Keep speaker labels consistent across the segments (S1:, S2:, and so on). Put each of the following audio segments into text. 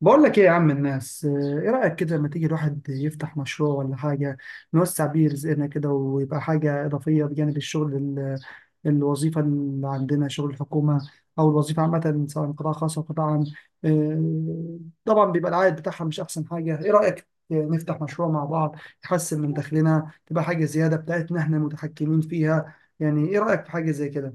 S1: بقول لك ايه يا عم الناس، ايه رأيك كده لما تيجي الواحد يفتح مشروع ولا حاجة، نوسع بيه رزقنا كده ويبقى حاجة إضافية بجانب الشغل الوظيفة اللي عندنا، شغل الحكومة أو الوظيفة عامة، سواء قطاع خاص أو قطاع عام. آه، طبعا بيبقى العائد بتاعها مش أحسن حاجة. ايه رأيك نفتح مشروع مع بعض، يحسن من دخلنا، تبقى حاجة زيادة بتاعتنا احنا متحكمين فيها. يعني ايه رأيك في حاجة زي كده؟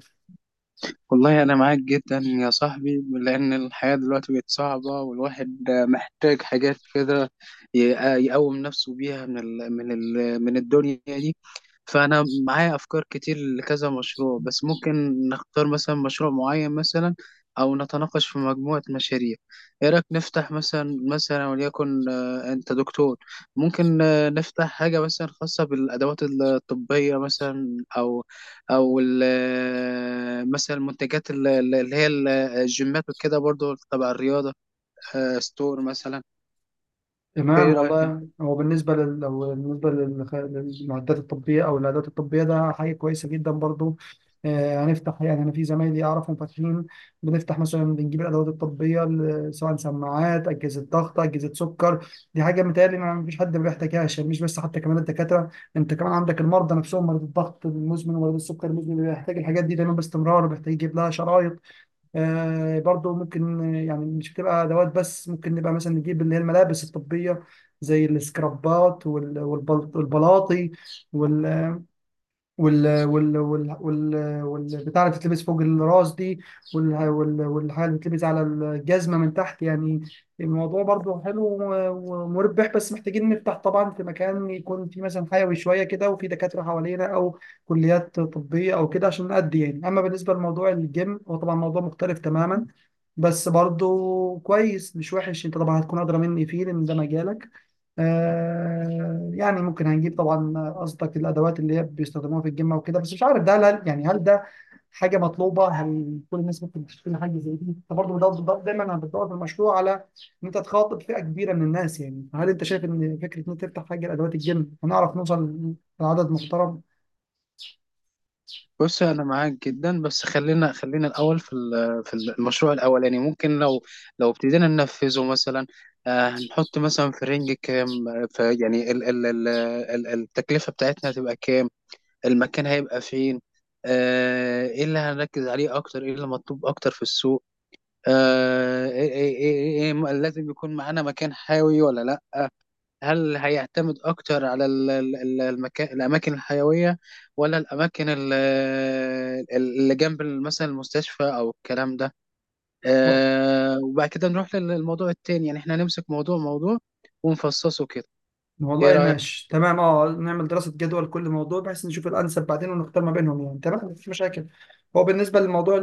S2: والله أنا معاك جدا يا صاحبي، لأن الحياة دلوقتي بقت صعبة والواحد محتاج حاجات كده ي- يقوم نفسه بيها من الدنيا دي. فأنا معايا أفكار كتير لكذا مشروع، بس ممكن نختار مثلا مشروع معين، مثلا أو نتناقش في مجموعة مشاريع. إيه رأيك نفتح مثلا وليكن، أنت دكتور. ممكن نفتح حاجة مثلا خاصة بالأدوات الطبية مثلا، أو او ال- آه، مثلا المنتجات اللي هي الجيمات وكده، برضو تبع الرياضه، ستور مثلا. ايه
S1: تمام،
S2: رايك انت؟
S1: والله هو بالنسبة لل... لو بالنسبة لل- للمعدات الطبية أو الأدوات الطبية ده حاجة كويسة جدا برضو. هنفتح يعني، أنا في زمايلي أعرفهم فاتحين. بنفتح مثلا بنجيب الأدوات الطبية، سواء سماعات، أجهزة ضغط، أجهزة سكر. دي حاجة متهيألي ما فيش حد ما بيحتاجهاش، يعني مش بس حتى كمان الدكاترة، أنت كمان عندك المرضى نفسهم، مريض الضغط المزمن ومريض السكر المزمن بيحتاج الحاجات دي دايما باستمرار، بيحتاج يجيب لها شرايط. برضو ممكن، يعني مش بتبقى ادوات بس، ممكن نبقى مثلا نجيب اللي هي الملابس الطبيه، زي السكرابات والبلاطي، وال وال وال وال والبتاع اللي بتتلبس فوق الراس دي، والحاجه اللي بتتلبس على الجزمه من تحت يعني. الموضوع برضو حلو ومربح، بس محتاجين نفتح طبعا في مكان يكون فيه مثلا حيوي شويه كده، وفي دكاتره حوالينا او كليات طبيه او كده عشان نأدي يعني. اما بالنسبه لموضوع الجيم، هو طبعا موضوع مختلف تماما، بس برضو كويس مش وحش. انت طبعا هتكون ادرى مني فيه لان ده مجالك. يعني ممكن هنجيب طبعا قصدك الادوات اللي هي بيستخدموها في الجيم وكده، بس مش عارف ده يعني هل ده حاجه مطلوبه؟ هل كل الناس ممكن تشتري حاجه زي دي؟ انت برضه دايما انا بدور في المشروع على ان انت تخاطب فئه كبيره من الناس. يعني هل انت شايف ان فكره ان انت تفتح حاجه لادوات الجيم هنعرف نوصل لعدد محترم؟
S2: بص، انا معاك جدا، بس خلينا الاول في في المشروع الاولاني. ممكن لو ابتدينا ننفذه مثلا. هنحط مثلا في رينج كام، في يعني ال ال ال ال التكلفه بتاعتنا هتبقى كام؟ المكان هيبقى فين؟ ايه اللي هنركز عليه اكتر، ايه اللي مطلوب اكتر في السوق؟ آه إيه إيه إيه إيه إيه لازم يكون معانا مكان حيوي ولا لا؟ هل هيعتمد اكتر على ال- ال- ال- المكان الاماكن الحيويه، ولا الاماكن اللي جنب مثلا المستشفى او الكلام ده؟
S1: و-
S2: وبعد كده نروح للموضوع التاني. يعني احنا هنمسك موضوع ونفصصه كده. ايه
S1: والله
S2: رايك؟
S1: ماشي، تمام، اه، نعمل دراسه جدوى لكل موضوع بحيث نشوف الانسب بعدين ونختار ما بينهم، يعني تمام، مفيش مشاكل. هو بالنسبه للموضوع،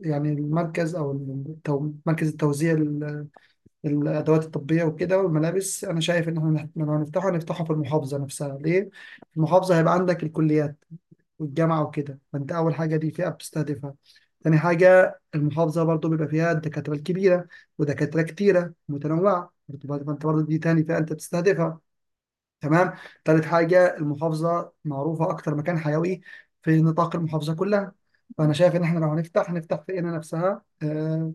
S1: يعني المركز او مركز التوزيع الادوات الطبيه وكده والملابس، انا شايف ان احنا، لو هنفتحه نفتحه في المحافظه نفسها. ليه؟ في المحافظه هيبقى عندك الكليات والجامعه وكده، فانت اول حاجه دي فئه بتستهدفها. تاني حاجه، المحافظه برضو بيبقى فيها الدكاتره الكبيره، ودكاتره كتيره متنوعه فانت برضو دي تاني فئه انت بتستهدفها. تمام. تالت حاجه، المحافظه معروفه اكتر مكان حيوي في نطاق المحافظه كلها، فانا شايف ان احنا لو هنفتح نفتح في قنا نفسها. آه،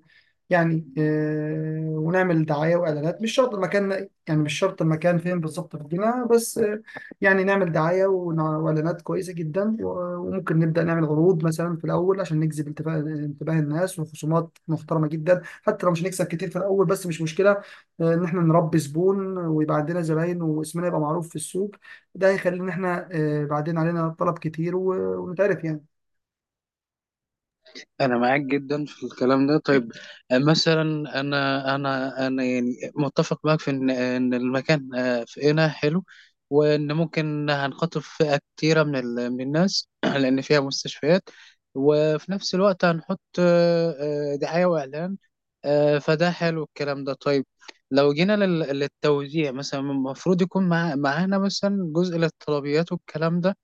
S1: يعني آه، ونعمل دعاية وإعلانات، مش شرط المكان، يعني مش شرط المكان فين بالظبط في المدينة، بس يعني نعمل دعاية وإعلانات كويسة جدا، وممكن نبدأ نعمل عروض مثلا في الأول عشان نجذب انتباه الناس، وخصومات محترمة جدا حتى لو مش هنكسب كتير في الأول، بس مش مشكلة. إن إحنا نربي زبون ويبقى عندنا زباين واسمنا يبقى معروف في السوق. ده هيخلي إن إحنا بعدين علينا طلب كتير، ونتعرف يعني.
S2: انا معاك جدا في الكلام ده. طيب، مثلا انا يعني متفق معاك في ان المكان في هنا حلو، وان ممكن هنخاطب فئه كتيره من الناس لان فيها مستشفيات. وفي نفس الوقت هنحط دعايه واعلان. فده حلو الكلام ده. طيب، لو جينا للتوزيع مثلا، المفروض يكون معانا مثلا جزء للطلبيات والكلام ده.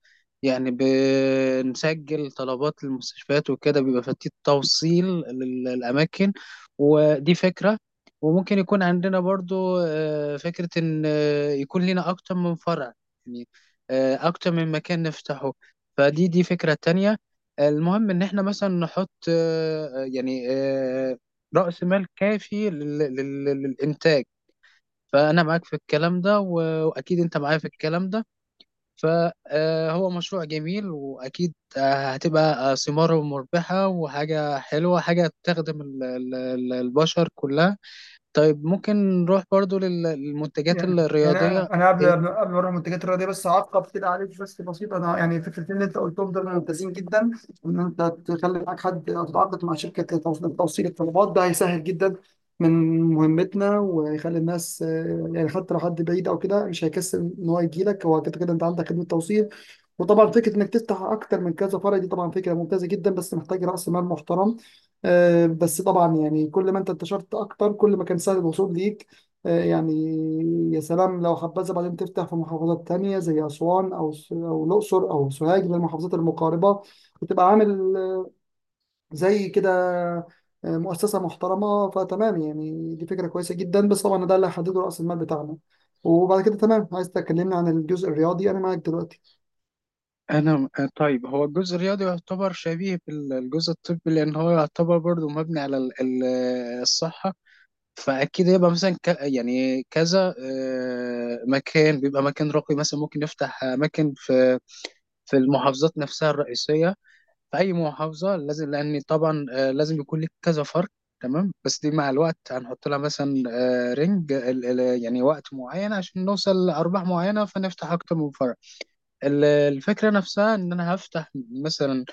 S2: يعني بنسجل طلبات المستشفيات وكده، بيبقى في توصيل للأماكن. ودي فكرة. وممكن يكون عندنا برضو فكرة إن يكون لنا أكتر من فرع. يعني أكتر من مكان نفتحه. فدي فكرة تانية. المهم إن إحنا مثلا نحط يعني رأس مال كافي للإنتاج. فأنا معاك في الكلام ده، وأكيد أنت معايا في الكلام ده. فهو مشروع جميل، وأكيد هتبقى ثماره مربحة وحاجة حلوة، حاجة تخدم البشر كلها. طيب ممكن نروح برضو للمنتجات
S1: يعني
S2: الرياضية.
S1: انا قبل ما اروح المنتجات الرياضيه، بس هعقب كده عليك بس بسيط. انا يعني فكرتين اللي انت قلتهم دول ممتازين جدا، ان انت تخلي معاك حد أو تتعاقد مع شركه توصيل الطلبات، ده هيسهل جدا من مهمتنا، وهيخلي الناس يعني حتى لو حد بعيد او كده مش هيكسل ان هو يجي لك، هو كده كده انت عندك خدمه توصيل. وطبعا فكره انك تفتح اكتر من كذا فرع دي طبعا فكره ممتازه جدا، بس محتاج راس مال محترم. بس طبعا يعني كل ما انت انتشرت اكتر كل ما كان سهل الوصول ليك. يعني يا سلام، لو حبذا بعدين تفتح في محافظات تانية زي أسوان أو الأقصر أو سوهاج من المحافظات المقاربة، وتبقى عامل زي كده، مؤسسة محترمة، فتمام يعني دي فكرة كويسة جدا، بس طبعا ده اللي هيحدده رأس المال بتاعنا. وبعد كده تمام، عايز تكلمنا عن الجزء الرياضي، أنا معاك دلوقتي.
S2: أنا طيب، هو الجزء الرياضي يعتبر شبيه بالجزء الطبي، لأن هو يعتبر برضو مبني على الصحة. فأكيد يبقى مثلا يعني كذا مكان، بيبقى مكان رقمي مثلا. ممكن نفتح أماكن في المحافظات نفسها الرئيسية. في اي محافظه لازم، لان طبعا لازم يكون لك كذا فرد. تمام، بس دي مع الوقت هنحط لها مثلا رينج يعني وقت معين عشان نوصل لارباح معينه، فنفتح اكتر من فرع. الفكره نفسها ان انا هفتح مثلا،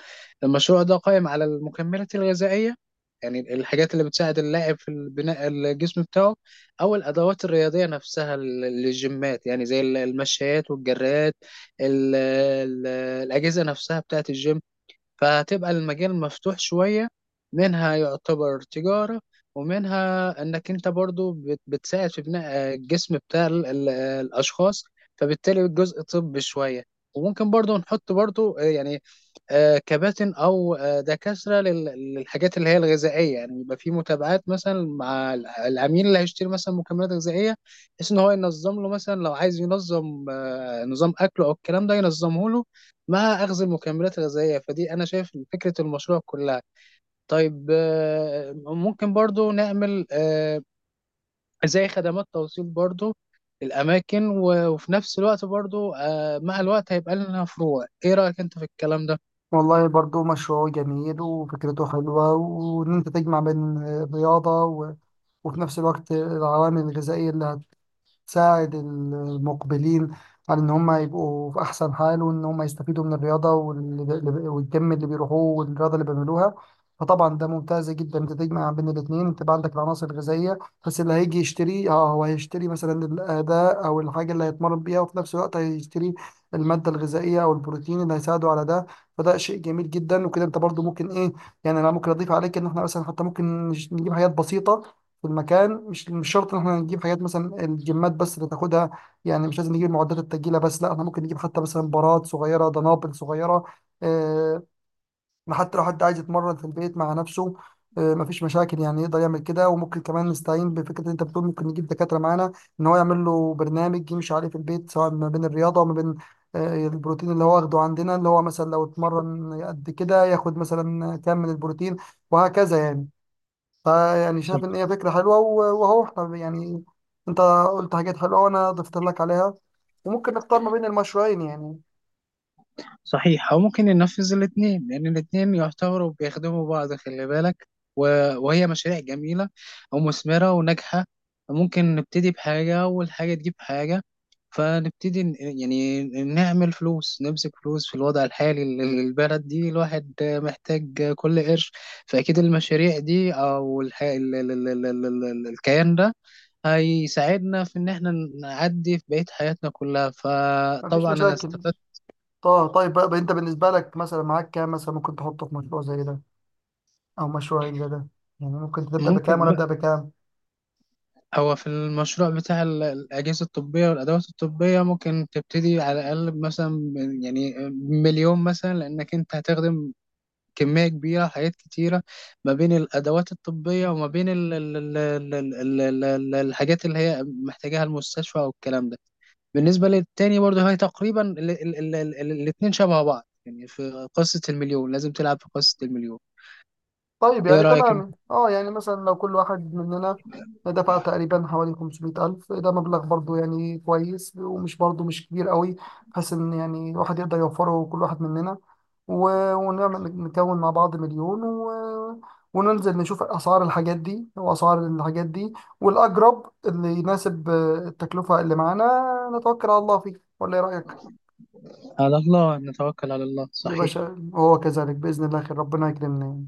S2: المشروع ده قائم على المكملات الغذائيه. يعني الحاجات اللي بتساعد اللاعب في البناء الجسم بتاعه، او الادوات الرياضيه نفسها للجيمات. يعني زي المشايات والجرات، ال- ال- الاجهزه نفسها بتاعه الجيم. فهتبقى المجال مفتوح شوية، منها يعتبر تجارة، ومنها انك انت برضو بتساعد في بناء الجسم بتاع الاشخاص. فبالتالي الجزء طبي شوية. وممكن برضو نحط برضو يعني كباتن او دكاترة للحاجات اللي هي الغذائية. يعني يبقى في متابعات مثلا مع العميل اللي هيشتري مثلا مكملات غذائية، بحيث ان هو ينظم له مثلا. لو عايز ينظم نظام اكله او الكلام ده، ينظمه له مع أخذ المكملات الغذائية. فدي أنا شايف فكرة المشروع كلها. طيب ممكن برضو نعمل زي خدمات توصيل، برضو الأماكن، وفي نفس الوقت برضو مع الوقت هيبقى لنا فروع. إيه رأيك أنت في الكلام ده؟
S1: والله برضو مشروع جميل وفكرته حلوة، وإن أنت تجمع بين الرياضة وفي نفس الوقت العوامل الغذائية اللي تساعد المقبلين على ان هم يبقوا في احسن حال، وان هم يستفيدوا من الرياضه، والجيم اللي بيروحوه والرياضه اللي بيعملوها. فطبعا ده ممتاز جدا، انت تجمع بين الاثنين، تبقى عندك العناصر الغذائيه. بس اللي هيجي يشتري، هو هيشتري مثلا الاداء او الحاجه اللي هيتمرن بيها، وفي نفس الوقت هيشتري الماده الغذائيه او البروتين اللي هيساعده على ده. فده شيء جميل جدا، وكده انت برضو ممكن ايه، يعني انا ممكن اضيف عليك، ان احنا مثلا حتى ممكن نجيب حاجات بسيطه في المكان، مش شرط ان احنا نجيب حاجات مثلا الجمات بس اللي تاخدها، يعني مش لازم نجيب معدات التجيله بس، لا احنا ممكن نجيب حتى مثلا براد صغيره، دنابل صغيره. آه، حتى لو حد عايز يتمرن في البيت مع نفسه، مفيش مشاكل، يعني يقدر يعمل كده. وممكن كمان نستعين بفكره اللي انت بتقول ممكن نجيب دكاتره معانا، ان هو يعمل له برنامج يمشي عليه في البيت، سواء ما بين الرياضه وما بين البروتين اللي هو واخده عندنا، اللي هو مثلا لو اتمرن قد كده ياخد مثلا كام من البروتين، وهكذا يعني. فيعني شايف ان هي فكره حلوه، وهو احنا يعني، انت قلت حاجات حلوه وانا ضفت لك عليها، وممكن نختار ما بين المشروعين يعني.
S2: صحيح، او ممكن ينفذ الاثنين، لان الاثنين يعتبروا بيخدموا بعض، خلي بالك. و... وهي مشاريع جميله ومثمره وناجحه. ممكن نبتدي بحاجه والحاجه تجيب حاجه. فنبتدي، يعني نعمل فلوس، نمسك فلوس. في الوضع الحالي للبلد دي الواحد محتاج كل قرش. فاكيد المشاريع دي، او الح... ال... ال... ال... ال... ال... ال- الكيان ده هيساعدنا في ان احنا نعدي في بقية حياتنا كلها.
S1: مفيش
S2: فطبعا انا
S1: مشاكل.
S2: استفدت.
S1: طيب، طيب بقى انت، بالنسبه لك مثلا معاك كام، مثلا ممكن تحطه في مشروع زي ده او مشروعين زي ده؟ يعني ممكن تبدا بكام
S2: ممكن،
S1: وانا ابدا بكام؟
S2: هو في المشروع بتاع الأجهزة الطبية والأدوات الطبية ممكن تبتدي على الأقل مثلا يعني مليون مثلا، لأنك أنت هتخدم كمية كبيرة، حاجات كتيرة ما بين الأدوات الطبية وما بين ال ال ال ال ال ال ال الحاجات اللي هي محتاجاها المستشفى والكلام ده. بالنسبة للتاني برضه هي تقريبا الاتنين شبه بعض. يعني في قصة المليون لازم تلعب في قصة المليون.
S1: طيب
S2: إيه
S1: يعني
S2: رأيك أنت؟
S1: تمام، اه، يعني مثلا لو كل واحد مننا دفع تقريبا حوالي 500,000، ده مبلغ برضو يعني كويس ومش برضو مش كبير قوي، بحيث ان يعني الواحد يقدر يوفره كل واحد مننا، ونعمل نكون مع بعض مليون، وننزل نشوف اسعار الحاجات دي واسعار الحاجات دي، والاقرب اللي يناسب التكلفة اللي معانا، نتوكل على الله فيه ولا ايه رأيك؟
S2: على الله نتوكل على الله،
S1: يا
S2: صحيح.
S1: باشا، هو كذلك بإذن الله، خير، ربنا يكرمنا.